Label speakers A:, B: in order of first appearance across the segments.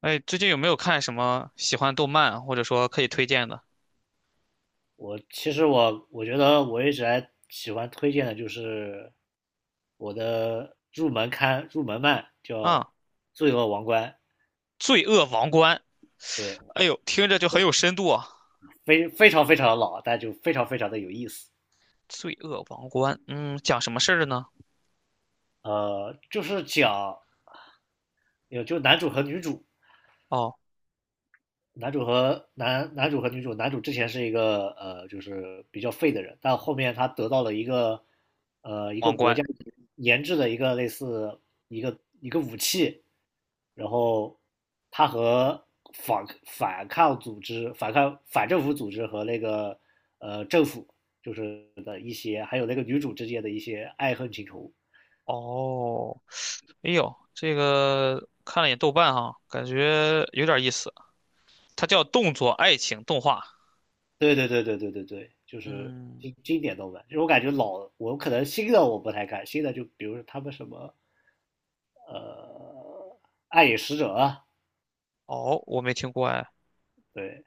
A: 哎，最近有没有看什么喜欢动漫或者说可以推荐的
B: 我其实我觉得我一直还喜欢推荐的就是我的入门漫叫
A: 啊？
B: 《罪恶王冠》，
A: 《罪恶王冠》，
B: 对，
A: 哎呦，听着就很有深度啊。
B: 非常非常的老，但就非常非常的有意思。
A: 《罪恶王冠》，嗯，讲什么事儿的呢？
B: 就是讲男主和女主，
A: 哦，
B: 男主和男男主和女主，男主之前是一个就是比较废的人，但后面他得到了一个一个
A: 王
B: 国
A: 冠，
B: 家研制的一个类似一个武器，然后他和反政府组织和那个政府就是的一些，还有那个女主之间的一些爱恨情仇，
A: 哦，哎呦，这个看了眼豆瓣哈，感觉有点意思。它叫动作爱情动画，
B: 对对对对对对对，就是
A: 嗯，
B: 经典动漫。就是我感觉老，我可能新的我不太看，新的就比如说他们什么，呃，暗影使者啊，
A: 哦，我没听过哎。
B: 对，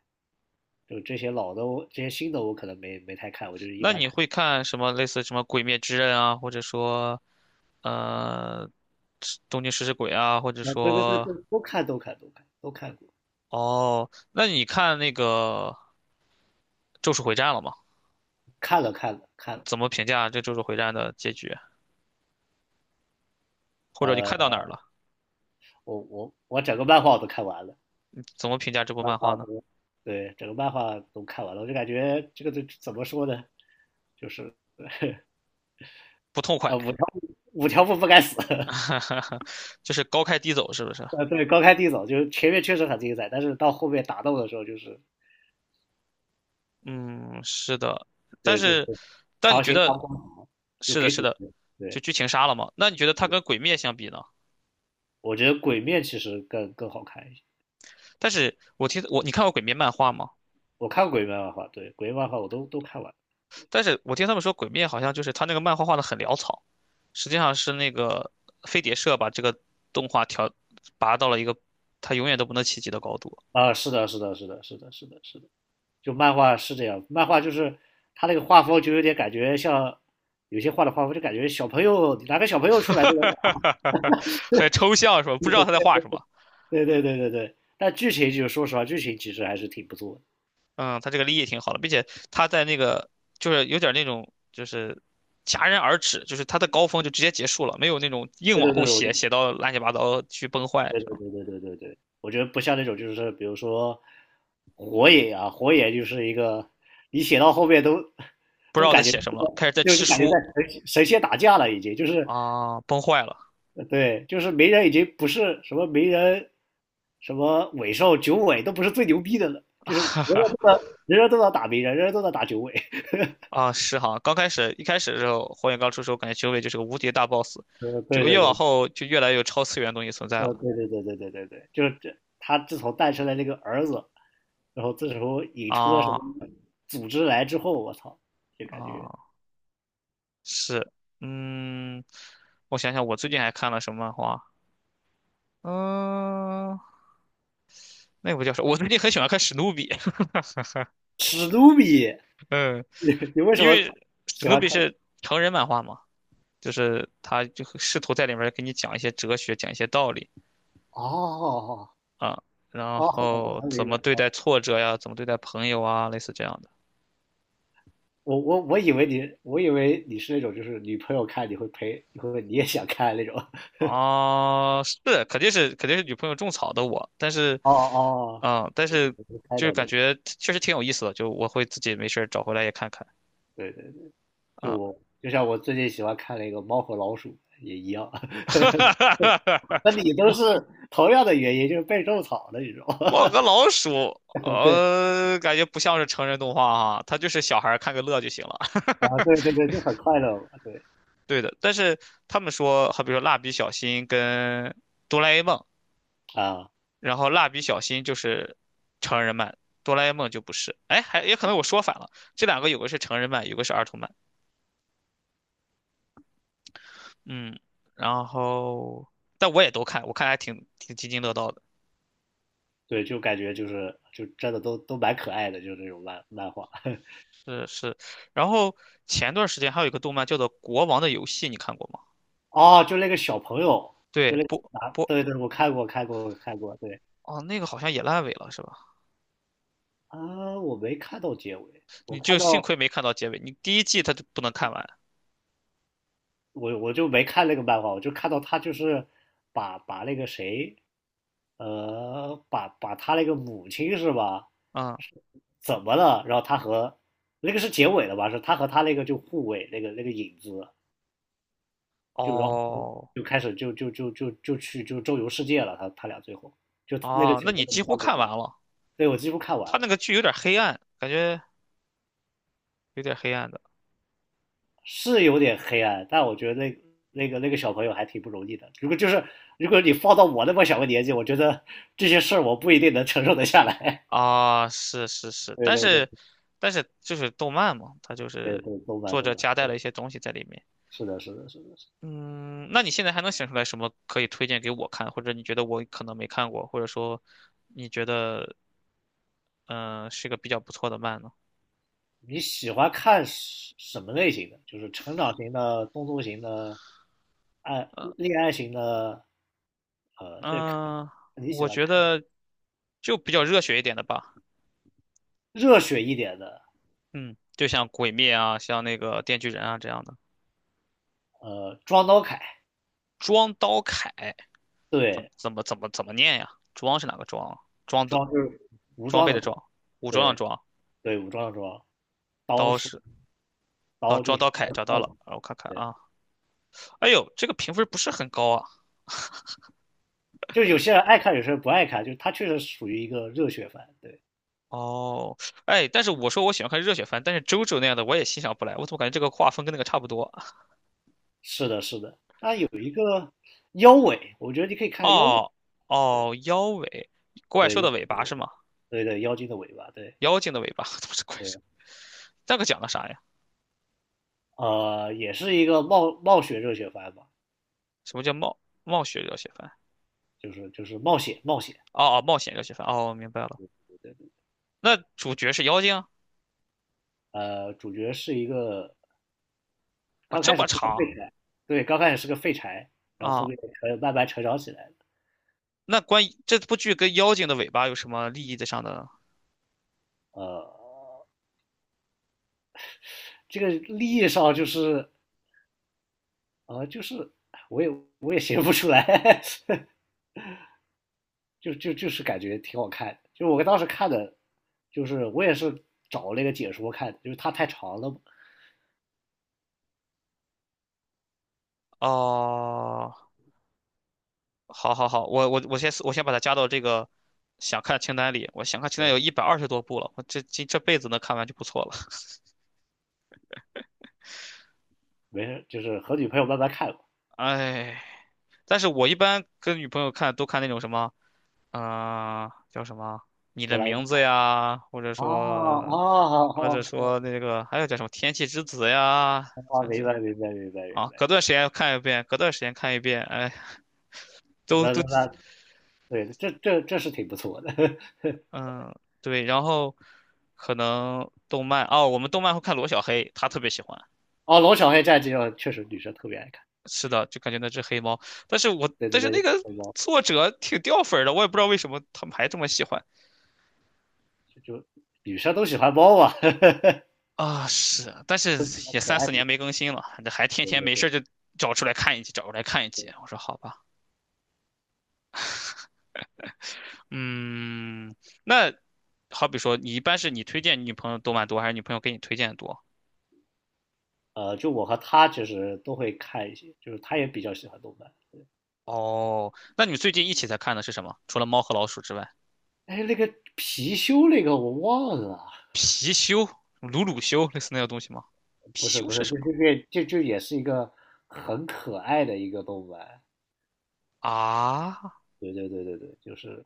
B: 就这些老的我，这些新的我可能没太看，我就是一
A: 那
B: 般
A: 你
B: 看。
A: 会看什么类似什么《鬼灭之刃》啊，或者说呃《东京食尸鬼》啊，或者
B: 啊，对对对
A: 说
B: 对，都看都看都看都看过，
A: 哦，那你看那个《咒术回战》了吗？
B: 看了看了看了。
A: 怎么评价这《咒术回战》的结局？或者你
B: 呃，
A: 看到哪儿了？
B: 我整个漫画我都看完了，
A: 怎么评价这部
B: 漫
A: 漫画
B: 画
A: 呢？
B: 都对，整个漫画都看完了，我就感觉这个这怎么说呢，就是
A: 不痛快，
B: 呃五条悟五条悟不该死。
A: 就是高开低走，是不是？
B: 呃，对，高开低走，就是前面确实很精彩，但是到后面打斗的时候，就是
A: 嗯，是的。但
B: 对，就是
A: 是，但你
B: 强
A: 觉
B: 行拉
A: 得
B: 光，就
A: 是的，
B: 给
A: 是
B: 主
A: 的，
B: 角。
A: 就
B: 对，
A: 剧情杀了嘛？那你觉得它跟《鬼灭》相比呢？
B: 我觉得鬼面其实更好看一些。
A: 但是我你看过《鬼灭》漫画吗？
B: 我看过鬼面漫画，对，鬼面漫画我都看完
A: 但是我听他们说，《鬼灭》好像就是他那个漫画画的很潦草。实际上是那个飞碟社把这个动画调拔到了一个他永远都不能企及的高
B: 了
A: 度，
B: 啊，是的，是的，是的，是的，是的，是的，就漫画是这样，漫画就是他那个画风就有点感觉像有些画的画风就感觉小朋友哪个小朋友出来都能画
A: 很抽象是吧？不知道他在画什么。
B: 对对对对对，但剧情就是说实话，剧情其实还是挺不错的。
A: 嗯，他这个立意挺好的，并且他在那个就是有点那种就是戛然而止，就是他的高峰就直接结束了，没有那种硬
B: 对
A: 往
B: 对
A: 后
B: 对，我觉
A: 写
B: 得。
A: 写到乱七八糟去崩坏
B: 对
A: 是
B: 对
A: 吧？
B: 对对对对对，我觉得不像那种就是比如说火野啊，火野就是一个你写到后面
A: 不知
B: 都
A: 道在
B: 感觉
A: 写什么了，开始在吃
B: 感觉在
A: 书
B: 神仙打架了，已经就是
A: 啊，崩坏了。
B: 对，就是鸣人已经不是什么鸣人什么尾兽九尾都不是最牛逼的了，就是人人都在打鸣人，人人都在打九尾，
A: 啊，是哈，刚开始一开始的时候，火影刚出的时候，感觉九尾就是个无敌大 boss，
B: 呃，
A: 结
B: 对
A: 果越
B: 对
A: 往
B: 对
A: 后就越来越有超次元的东西存在了。
B: 呃，对对对对对对对，就是这，他自从诞生了这个儿子，然后这时候引出了什
A: 啊
B: 么组织来之后，我操，就感觉
A: 啊，是，嗯，我想想，我最近还看了什么漫画？嗯，那部叫什么？我最近很喜欢看史努比，
B: 史努比，
A: 嗯，
B: 你为什
A: 因
B: 么
A: 为史
B: 喜
A: 努
B: 欢
A: 比
B: 看？
A: 是成人漫画嘛，就是他就会试图在里面给你讲一些哲学，讲一些道理
B: 哦
A: 啊，然
B: 哦，哦我
A: 后
B: 能
A: 怎
B: 明
A: 么
B: 白
A: 对
B: 哦
A: 待挫折呀，怎么对待朋友啊，类似这样的。
B: 我以为你是那种就是女朋友看你会陪，你也想看那种。
A: 啊，是，肯定是女朋友种草的我，但是，
B: 哦哦，
A: 啊、但
B: 我
A: 是
B: 我能猜
A: 就是
B: 到
A: 感
B: 的，
A: 觉确实挺有意思的，就我会自己没事儿找回来也看看
B: 对对对，就我
A: 啊。
B: 就像我最近喜欢看那个《猫和老鼠》也一样。那你 都
A: 猫
B: 是同样的原因，就是被种草的你知道
A: 猫
B: 吗？
A: 和老鼠，
B: 对
A: 感觉不像是成人动画哈，它就是小孩儿看个乐就行了。
B: 啊，对对对，就很快乐嘛，对
A: 对的，但是他们说，好比说蜡笔小新跟哆啦 A 梦，
B: 啊，
A: 然后蜡笔小新就是成人漫，哆啦 A 梦就不是。哎，还也可能我说反了，这两个有个是成人漫，有个是儿童漫。嗯，然后但我也都看，我看还挺津津乐道的，
B: 对，就感觉就真的都蛮可爱的，就这种漫画。
A: 是是。然后前段时间还有一个动漫叫做《国王的游戏》，你看过吗？
B: 哦，就那个小朋友，就
A: 对，
B: 那个
A: 不
B: 男，
A: 不，
B: 对对，我看过看过看过，对
A: 哦，那个好像也烂尾了，是吧？
B: 啊，我没看到结尾，我
A: 你就
B: 看
A: 幸
B: 到
A: 亏没看到结尾，你第一季它就不能看完。
B: 我就没看那个漫画，我就看到他就是把那个谁，呃，把他那个母亲是吧？
A: 嗯，
B: 怎么了？然后他和那个是结尾了吧？是他和他那个就护卫那个影子，就然后
A: 哦
B: 就开始就去就周游世界了。他他俩最后就那个
A: 哦，那
B: 前
A: 你
B: 面你
A: 几
B: 看
A: 乎
B: 过
A: 看完
B: 吗？
A: 了。
B: 对，我几乎看
A: 它
B: 完。
A: 那个剧有点黑暗，感觉有点黑暗的
B: 是有点黑暗，但我觉得那那个小朋友还挺不容易的。如果就是如果你放到我那么小个年纪，我觉得这些事儿我不一定能承受得下来。
A: 啊，是是 是，
B: 对
A: 但
B: 对对
A: 是但是就是动漫嘛，它就
B: 对
A: 是
B: 对，动漫
A: 作
B: 动
A: 者
B: 漫，
A: 夹带
B: 对
A: 了一些东西在里面。
B: 是的是的是的是的
A: 嗯，那你现在还能想出来什么可以推荐给我看，或者你觉得我可能没看过，或者说你觉得是个比较不错的漫呢？
B: 你喜欢看什什么类型的？就是成长型的、动作型的、爱
A: 呃
B: 恋爱型的，呃，
A: 嗯、
B: 这看
A: 呃
B: 你喜
A: 我
B: 欢
A: 觉
B: 看
A: 得就比较热血一点的吧，
B: 热血一点的，
A: 嗯，就像《鬼灭》啊，像那个《电锯人》啊这样的。
B: 呃，装刀凯，
A: 装刀铠怎么
B: 对，
A: 怎么怎么怎么念呀？装是哪个装啊？装的
B: 装就是武
A: 装
B: 装
A: 备
B: 的
A: 的
B: 装，
A: 装，武装的
B: 对
A: 装，
B: 对，武装的装。刀
A: 刀
B: 是
A: 是啊，
B: 刀，就
A: 装
B: 是
A: 刀铠找到了，
B: 刀
A: 让我看看
B: 对，
A: 啊。哎呦，这个评分不是很高啊，
B: 就有些人爱看，有些人不爱看，就是他确实属于一个热血番。对，
A: 哦，哎，但是我说我喜欢看热血番，但是周周那样的我也欣赏不来，我怎么感觉这个画风跟那个差不多？
B: 是的，是的。妖尾，我觉得你可以看妖尾。
A: 哦
B: 对
A: 哦，妖尾，怪
B: 对
A: 兽
B: 妖
A: 的尾巴是吗？
B: 对对妖精的尾巴。对
A: 妖精的尾巴，怎么是怪兽？
B: 对，
A: 那个讲的啥呀？
B: 呃，也是一个冒险热血番吧，
A: 什么叫冒冒血热血番？
B: 就是冒险冒险。
A: 哦，冒险热血番。哦，明白了。
B: 对对，
A: 那主角是妖精？
B: 呃，主角是一个
A: 哇，
B: 刚
A: 这
B: 开始
A: 么
B: 是个
A: 长
B: 废柴，对，刚开始是个废柴，然后后
A: 啊？
B: 面慢慢成长起来的。
A: 那关于这部剧跟妖精的尾巴有什么利益的上的？
B: 呃，这个利益上就是啊，就是我也我也写不出来，就是感觉挺好看的。就是我当时看的，就是我也是找那个解说看的，就是它太长了，
A: 哦，好好好，我先把它加到这个想看清单里。想看清单有120多部了，我这辈子能看完就不错了。
B: 没事，就是和女朋友慢慢看吧。
A: 哎，但是我一般跟女朋友看都看那种什么，叫什么《你
B: 哆
A: 的
B: 啦 A 梦
A: 名字》呀，或者
B: 啊
A: 说，
B: 啊
A: 或者
B: 好，
A: 说那个还有叫什么《天气之子》呀，
B: 啊！
A: 真
B: 明
A: 是
B: 白明白明白明
A: 啊，隔
B: 白，
A: 段时间看一遍，隔段时间看一遍，哎，都都
B: 那对，这这是挺不错的。
A: 嗯、对，然后可能动漫哦，我们动漫会看罗小黑，他特别喜欢。
B: 哦，龙小黑战记哦，确实女生特别爱看。
A: 是的，就感觉那只黑猫。但是我
B: 对对
A: 但是那
B: 对，
A: 个
B: 猫
A: 作者挺掉粉儿的，我也不知道为什么他们还这么喜欢
B: 就女生都喜欢猫嘛，
A: 啊。是，但是
B: 都喜欢
A: 也
B: 可
A: 三
B: 爱
A: 四
B: 的。
A: 年没更新了，这还天
B: 对
A: 天
B: 对
A: 没
B: 对。
A: 事儿就找出来看一集，找出来看一集。我说好吧，嗯，那好比说你一般是你推荐你女朋友动漫多，还是女朋友给你推荐的多？
B: 呃，就我和他其实都会看一些，就是他也比较喜欢动漫。
A: 哦，那你们最近一起在看的是什么？除了《猫和老鼠》之外，
B: 哎，那个貔貅那个我忘了，
A: 貔貅、鲁鲁修类似那个东西吗？
B: 不
A: 貔
B: 是
A: 貅
B: 不
A: 是
B: 是，
A: 什
B: 就
A: 么
B: 这这这这也是一个很可爱的一个动漫。
A: 啊？
B: 对对对对对，就是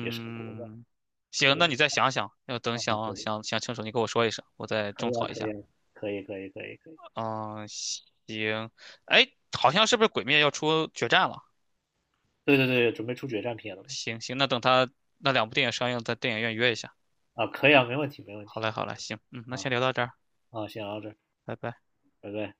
B: 也是个国漫。
A: 行，那
B: 我
A: 你再想想，
B: 啊，对，
A: 想想想清楚，你跟我说一声，我再
B: 可
A: 种
B: 以啊，
A: 草一
B: 可以
A: 下。
B: 啊，可以可以可以可以。
A: 嗯，行。哎，好像是不是《鬼灭》要出决战了？
B: 对对对，准备出决战篇了嘛？
A: 行行，那等他那两部电影上映，在电影院约一下。
B: 啊，可以啊，没问题没问
A: 好
B: 题
A: 嘞，好嘞，行，嗯，那
B: 啊
A: 先聊到这儿，
B: 啊，先聊到这儿，
A: 拜拜。
B: 拜拜。